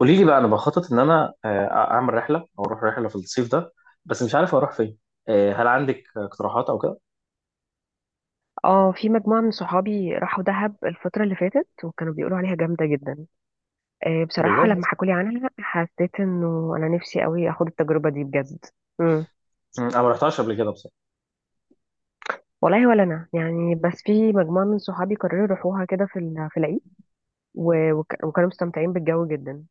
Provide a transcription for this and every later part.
قولي لي بقى. انا بخطط ان انا اعمل رحله او اروح رحله في الصيف ده. بس مش عارف اروح فين. هل عندك اقتراحات او كده؟ اه، في مجموعة من صحابي راحوا دهب الفترة اللي فاتت وكانوا بيقولوا عليها جامدة جدا. بصراحة لما بجد؟ حكولي عنها حسيت انه انا نفسي قوي اخد التجربة دي بجد. امم مم، انا ما رحتهاش قبل كده بصراحه. والله ولا انا، يعني بس في مجموعة من صحابي قرروا يروحوها كده في العيد، وكانوا مستمتعين بالجو جدا.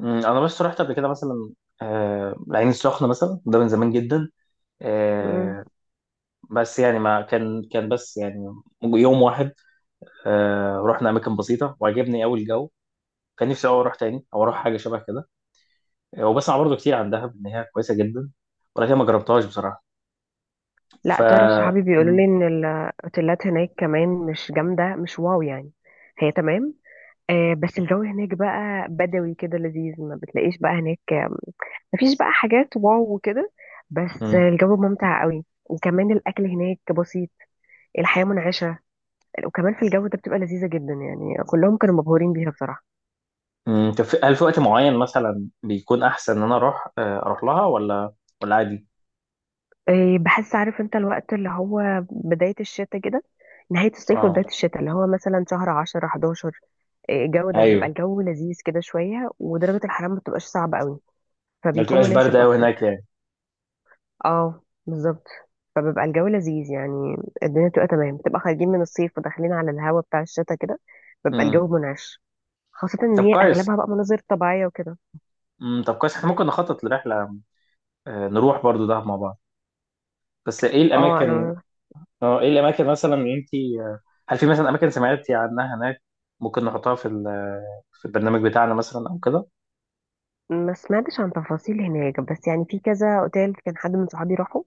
مم، انا بس رحت قبل كده مثلا العين السخنه مثلا، ده من زمان جدا. امم آه، بس يعني ما كان بس يعني يوم واحد. رحنا اماكن بسيطه وعجبني قوي الجو. كان نفسي أوي اروح تاني او اروح حاجه شبه كده. وبسمع برضو كتير عن دهب ان هي كويسه جدا، ولكن ما جربتهاش بصراحه. ف لا تعرف، صحابي بيقولوا مم. لي ان الاوتيلات هناك كمان مش جامدة، مش واو يعني. هي تمام، بس الجو هناك بقى بدوي كده لذيذ. ما بتلاقيش بقى هناك، مفيش بقى حاجات واو وكده، بس مم. الجو ممتع قوي، وكمان الاكل هناك بسيط. الحياه منعشه، وكمان في الجو ده بتبقى لذيذه جدا، يعني كلهم كانوا مبهورين بيها بصراحه. مم، طب هل في وقت معين مثلا بيكون احسن ان انا اروح، اروح لها ولا ولا عادي؟ إيه، بحس عارف انت الوقت اللي هو بدايه الشتاء كده، نهايه الصيف اه. وبدايه الشتاء، اللي هو مثلا شهر 10 11. إيه، الجو ده بيبقى ايوه. الجو لذيذ كده شويه، ودرجه الحراره ما بتبقاش صعبه قوي، ما فبيكون بتبقاش بارده مناسب قوي اكتر. هناك يعني؟ اه بالظبط، فبيبقى الجو لذيذ يعني. الدنيا بتبقى تمام، بتبقى خارجين من الصيف وداخلين على الهوا بتاع الشتاء كده، بيبقى امم. الجو منعش، خاصة ان طب هي كويس. اغلبها بقى مناظر طبيعية وكده. امم، طب كويس، احنا ممكن نخطط لرحله، نروح برضو ده مع بعض. بس ايه اه الاماكن؟ انا اه، ايه الاماكن مثلا اللي انت، هل في مثلا اماكن سمعتي عنها هناك ممكن نحطها في البرنامج بتاعنا مثلا او كده؟ ما سمعتش عن تفاصيل هناك، بس يعني في كذا اوتيل كان حد من صحابي راحوا،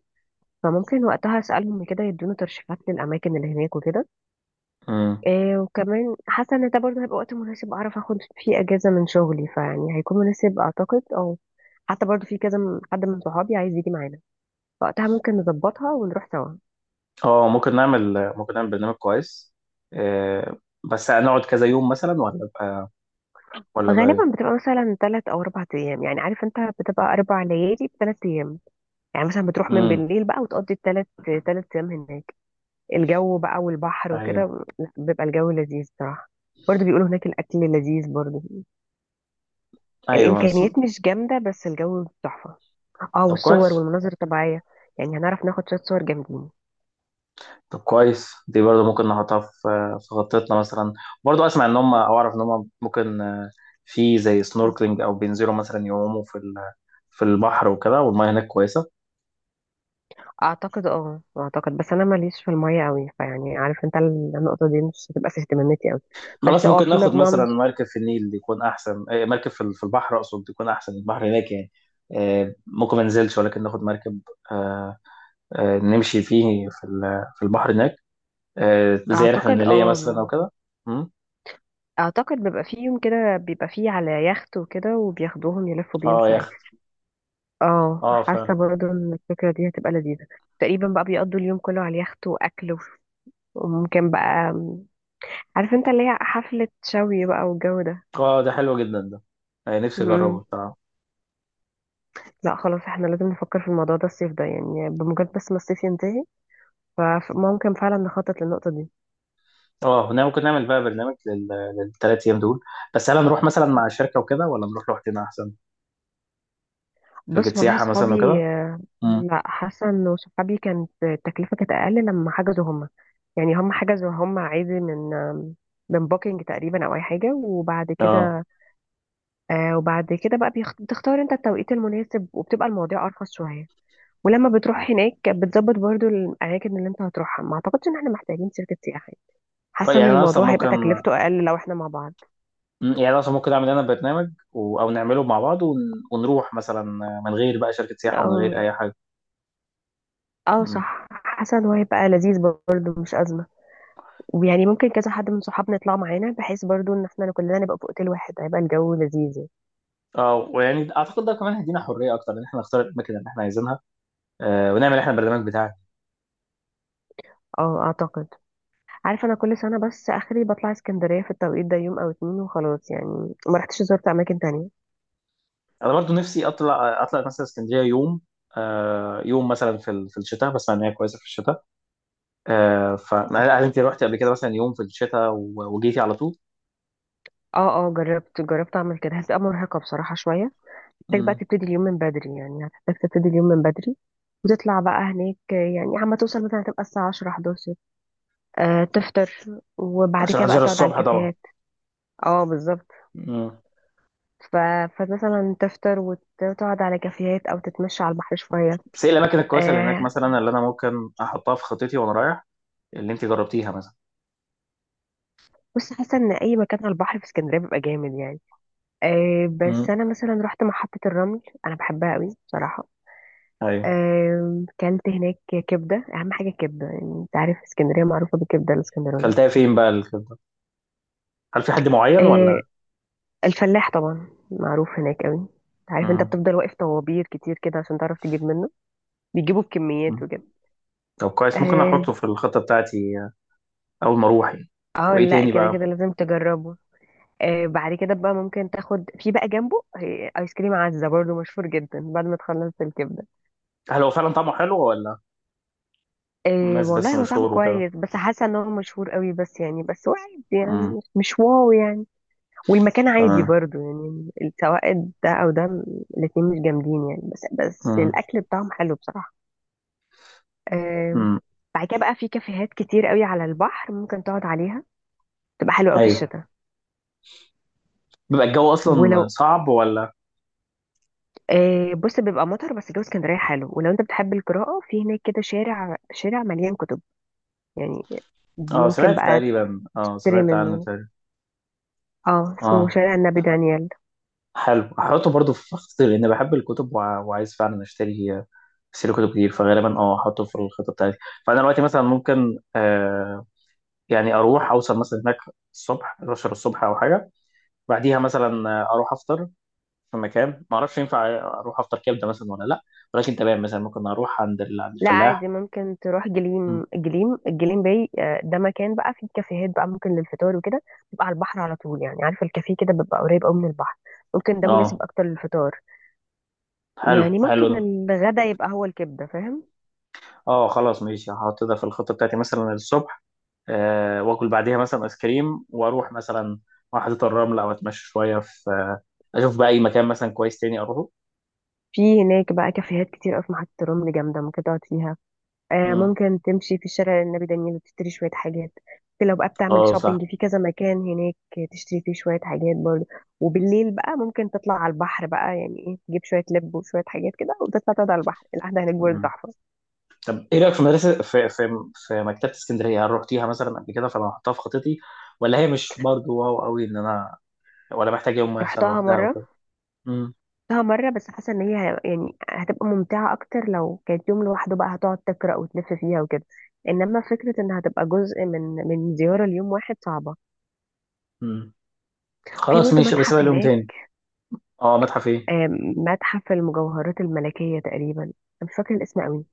فممكن وقتها اسالهم كده يدونا ترشيحات للاماكن اللي هناك وكده. امم. إيه، وكمان حاسه ان ده برضه هيبقى وقت مناسب اعرف اخد فيه اجازه من شغلي، فيعني هيكون مناسب اعتقد. او حتى برضه في كذا حد من صحابي عايز يجي معانا، وقتها ممكن نظبطها ونروح سوا. اه ممكن نعمل، ممكن نعمل برنامج كويس. آه، بس هنقعد كذا يوم مثلا ولا بقى ولا بقى؟ غالبا بتبقى مثلا ثلاث او اربع ايام، يعني عارف انت بتبقى اربع ليالي بثلاث ايام. يعني مثلا بتروح من امم. بالليل بقى وتقضي الثلاث، ثلاث ايام هناك. الجو بقى والبحر ايوه. وكده، لا بيبقى الجو لذيذ صراحة. برضه بيقولوا هناك الاكل لذيذ برضه، ايوه الامكانيات مش جامدة بس الجو تحفة. اه، طب والصور كويس. والمناظر الطبيعية، يعني هنعرف ناخد شوية صور جامدين. طب كويس، دي برضه ممكن نحطها في في خطتنا مثلا. برضه اسمع ان هم او اعرف ان هم ممكن، في زي سنوركلينج، او بينزلوا مثلا يعوموا في البحر وكده، والميه هناك كويسه. اعتقد، اعتقد بس انا ماليش في المية قوي، فيعني عارف انت النقطة دي مش هتبقى في اهتماماتي قوي. خلاص، بس اه ممكن في ناخد مجموعة من، مثلا مركب في النيل يكون احسن، مركب في البحر اقصد يكون احسن، البحر هناك يعني. ممكن ما ننزلش ولكن ناخد مركب، آه، نمشي فيه في البحر هناك، زي رحله اعتقد نيليه اه مثلا او ب- كده. مم. اعتقد بيبقى فيه يوم كده، بيبقى فيه على يخت وكده وبياخدوهم يلفوا بيهم اه شويه. يخت. اه اه فعلا. حاسه برضه ان الفكره دي هتبقى لذيذه. تقريبا بقى بيقضوا اليوم كله على اليخت واكل وممكن بقى عارف انت اللي هي حفله شوي بقى والجو ده. اه ده حلو جدا ده، يعني نفسي اجربه مم. بصراحه. لا خلاص احنا لازم نفكر في الموضوع ده الصيف ده، يعني بمجرد بس ما الصيف ينتهي فممكن فعلا نخطط للنقطه دي. اه هنا ممكن نعمل بقى برنامج للثلاث ايام دول. بس هل هنروح مثلا مع شركه وكده ولا نروح لوحدنا احسن؟ شركه بس والله سياحه مثلا وكده. صحابي، امم. لا حاسه انه صحابي كانت التكلفه كانت اقل لما حجزوا هم. يعني هم حجزوا هم عادي من بوكينج تقريبا او اي حاجه، وبعد اه. كده وبعد كده بقى بتختار انت التوقيت المناسب وبتبقى المواضيع ارخص شويه. ولما بتروح هناك بتظبط برضو الاماكن اللي انت هتروحها، ما اعتقدش ان احنا محتاجين شركه سياحه. طيب حاسه ان يعني انا اصلا الموضوع هيبقى ممكن، تكلفته اقل لو احنا مع بعض. مم. يعني أنا اصلا ممكن اعمل انا برنامج او نعمله مع بعض ونروح مثلا من غير بقى شركه سياحه ومن اه، غير اي حاجه. اه امم. صح، حاسه ان هو هيبقى لذيذ، برضو مش ازمه. ويعني ممكن كذا حد من صحابنا يطلع معانا، بحيث برضو ان احنا كلنا نبقى في اوتيل واحد هيبقى الجو لذيذ يعني. اه ويعني اعتقد ده كمان هيدينا حريه اكتر ان احنا نختار الاماكن اللي احنا عايزينها، آه، ونعمل احنا البرنامج بتاعنا. اه اعتقد، عارفة أنا كل سنة بس آخري بطلع اسكندرية في التوقيت ده يوم أو اتنين وخلاص يعني، ما رحتش زرت أماكن تانية. انا برضو نفسي اطلع، اطلع مثلا اسكندريه يوم، آه، يوم مثلا في الشتاء، بسمع ان هي كويسه في الشتاء. آه ف هل انت روحتي قبل كده مثلا يوم في الشتاء وجيتي على طول؟ اه اه، جربت أعمل كده، هتبقى مرهقة بصراحة شوية. محتاج بقى مم. تبتدي اليوم من بدري، يعني هتحتاج تبتدي اليوم من بدري وتطلع بقى هناك، يعني عما توصل مثلا هتبقى الساعة عشرة حداشر. تفطر، وبعد عشان كده بقى احضر تقعد على الصبح طبعا. الكافيهات. اه بالظبط. مم. ف... فمثلا تفطر وتقعد على كافيهات أو تتمشى على البحر شوية. بس ايه الاماكن الكويسه اللي هناك آه مثلا، اللي انا ممكن احطها في خطتي وانا رايح، اللي انت جربتيها مثلا؟ بص، حاسة إن أي مكان على البحر في اسكندرية بيبقى جامد يعني. مم. بس انا مثلا رحت محطة الرمل، انا بحبها قوي بصراحة. ايوه. كلت هناك كبدة، اهم حاجة الكبدة، يعني انت عارف اسكندرية معروفة بالكبدة الاسكندراني. كلتها فين بقى الكبده؟ هل في حد معين آه، ولا؟ الفلاح طبعا معروف هناك قوي، انت عارف انت مم. بتفضل واقف طوابير كتير كده عشان تعرف تجيب منه، بيجيبوا بكميات مم. وكده. طب كويس، ممكن اه، احطه في الخطه بتاعتي، اول ما اروح يعني. وايه لا تاني كده كده بقى؟ لازم تجربه. بعد كده بقى ممكن تاخد في بقى جنبه، ايس كريم عزة برضه مشهور جدا بعد ما تخلص الكبدة. هل هو فعلا طعمه حلو ولا؟ إيه الناس بس والله هو طعمه مشهور وكده؟ كويس، بس حاسه ان هو مشهور قوي بس، يعني بس هو عادي امم. يعني مش واو يعني. والمكان عادي تمام. برضو يعني، سواء ده او ده، الاتنين مش جامدين يعني، بس امم. الاكل بتاعهم حلو بصراحه. إيه. امم. بعد كده بقى في كافيهات كتير قوي على البحر ممكن تقعد عليها، تبقى حلوه قوي في ايوه. الشتاء. بيبقى الجو اصلا ولو صعب ولا؟ إيه بص، بيبقى مطر بس جو اسكندريه حلو، ولو انت بتحب القراءه في هناك كده، شارع مليان كتب يعني، اه ممكن سمعت بقى تقريبا اه تشتري سمعت عنه منه. تقريبا. اه اسمه اه شارع النبي دانيال. حلو، هحطه برضو في خطي لان بحب الكتب وعايز فعلا اشتري، اشتري كتب كتير، فغالبا اه هحطه في الخطه بتاعتي. فانا دلوقتي مثلا ممكن آه، يعني اروح اوصل مثلا هناك الصبح 11 الصبح او حاجه، بعديها مثلا اروح افطر في مكان، ما اعرفش ينفع اروح افطر كبده مثلا ولا لا، ولكن تمام مثلا ممكن اروح عند لا الفلاح. عادي ممكن تروح مم. جليم، الجليم باي، ده مكان بقى فيه كافيهات بقى ممكن للفطار وكده. بيبقى على البحر على طول، يعني عارف الكافيه كده بيبقى قريب قوي من البحر، ممكن ده مناسب اه. اكتر للفطار. حلو، يعني حلو ممكن ده. الغدا يبقى هو الكبده فاهم. اه خلاص ماشي، هحط ده في الخطة بتاعتي مثلا الصبح، آه، واكل بعديها مثلا ايس كريم، واروح مثلا واحدة الرمل، او اتمشى شوية في آه، اشوف بقى اي مكان مثلا كويس تاني اروحه. في هناك بقى كافيهات كتير قوي في محطه رمل جامده ممكن تقعد فيها. مم. ممكن تمشي في الشارع النبي دانيال وتشتري شوية حاجات. ممكن لو بقى بتعمل اه صح. شوبينج في كذا مكان هناك تشتري فيه شوية حاجات برضه. وبالليل بقى ممكن تطلع على البحر بقى، يعني ايه تجيب شوية لب وشوية حاجات كده وتطلع تقعد على البحر، القعدة هناك برضه مم. تحفة. طب ايه رأيك في مدرسة في في في مكتبة اسكندرية؟ هل رحتيها مثلا قبل كده؟ فانا هحطها في خطتي، ولا هي مش برضو واو قوي ان انا، ولا محتاج يوم مثلا رحتها لوحدها او مرة، كده؟ مم. رحتها مرة بس حاسة ان هي يعني هتبقى ممتعة اكتر لو كانت يوم لوحده، بقى هتقعد تقرأ وتلف فيها وكده. انما فكرة انها هتبقى جزء من زيارة ليوم واحد صعبة. مم. في خلاص برضه ماشي، بس بقى متحف اليوم هناك. تاني. اه متحف ايه؟ متحف المجوهرات الملكية تقريبا، أنا مش فاكرة الاسم قوي.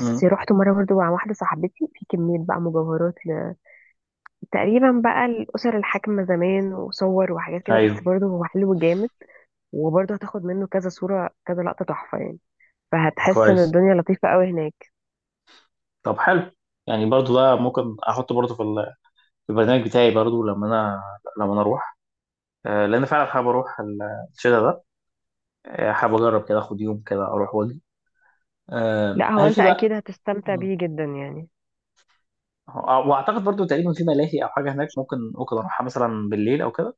مم. رحت مرة برضو مع واحدة صاحبتي، في كمية بقى مجوهرات تقريبا بقى الأسر الحاكمة زمان وصور وحاجات كده، ايوه. بس برضو هو حلو جامد. وبرضو هتاخد منه كذا صورة كذا لقطة تحفة يعني، فهتحس ان كويس. الدنيا لطيفة قوي هناك. طب حلو، يعني برضو ده ممكن احطه برضو في البرنامج بتاعي برضو لما انا، لما انا اروح، لان فعلا حابب اروح الشتا ده، حابب اجرب كده اخد يوم كده اروح واجي. لا هو هل انت في بقى؟ اكيد هتستمتع بيه جدا يعني. واعتقد برضو تقريبا في ملاهي او حاجه هناك ممكن، ممكن اروحها مثلا بالليل او كده.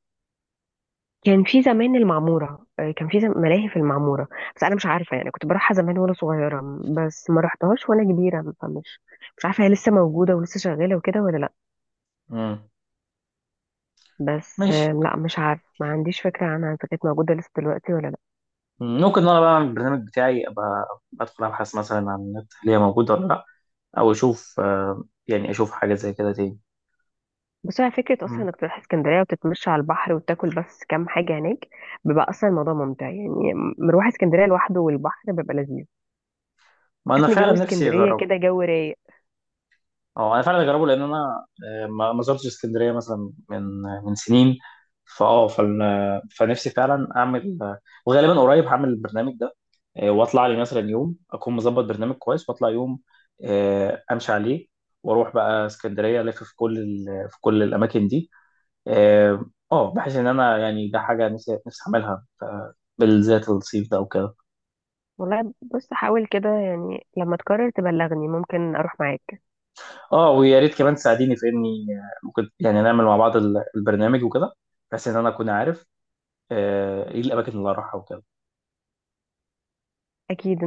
كان في زمان المعمورة، ملاهي في المعمورة، بس أنا مش عارفة يعني. كنت بروحها زمان وأنا صغيرة، بس ما رحتهاش وأنا كبيرة، مش عارفة هي لسه موجودة ولسه شغالة وكده ولا لأ. مم. بس ماشي. لأ مش عارفة، ما عنديش فكرة عنها إذا كانت موجودة لسه دلوقتي ولا لأ. مم، ممكن إن انا بقى اعمل البرنامج بتاعي، ابقى ادخل ابحث مثلا عن النت هل هي موجوده ولا لا، او اشوف، يعني اشوف حاجه زي كده تاني. بس هي فكرة أصلا مم. إنك تروح اسكندرية وتتمشى على البحر وتاكل بس كام حاجة هناك، بيبقى أصلا الموضوع ممتع يعني. مروح اسكندرية لوحده والبحر بيبقى لذيذ، ما انا بحس إن فعلا جو نفسي اسكندرية اجرب. كده جو رايق. اه انا فعلا اجربه لان انا، ما زرتش اسكندريه مثلا من، من سنين، فاه فال- آه، فنفسي فعلا اعمل، وغالبا قريب هعمل البرنامج ده، واطلع لي مثلا يوم اكون مظبط برنامج كويس واطلع يوم، امشي عليه، واروح بقى اسكندريه الف في كل الاماكن دي. اه. بحيث ان انا يعني ده حاجه نفسي، نفسي اعملها، بالذات الصيف ده وكده. والله بص حاول كده يعني، لما تقرر تبلغني ممكن أروح معاك. اه ويا ريت كمان تساعديني في اني، ممكن يعني نعمل مع بعض البرنامج وكده، بحيث ان انا اكون عارف، ايه الاماكن اللي راحها وكده. أكيد.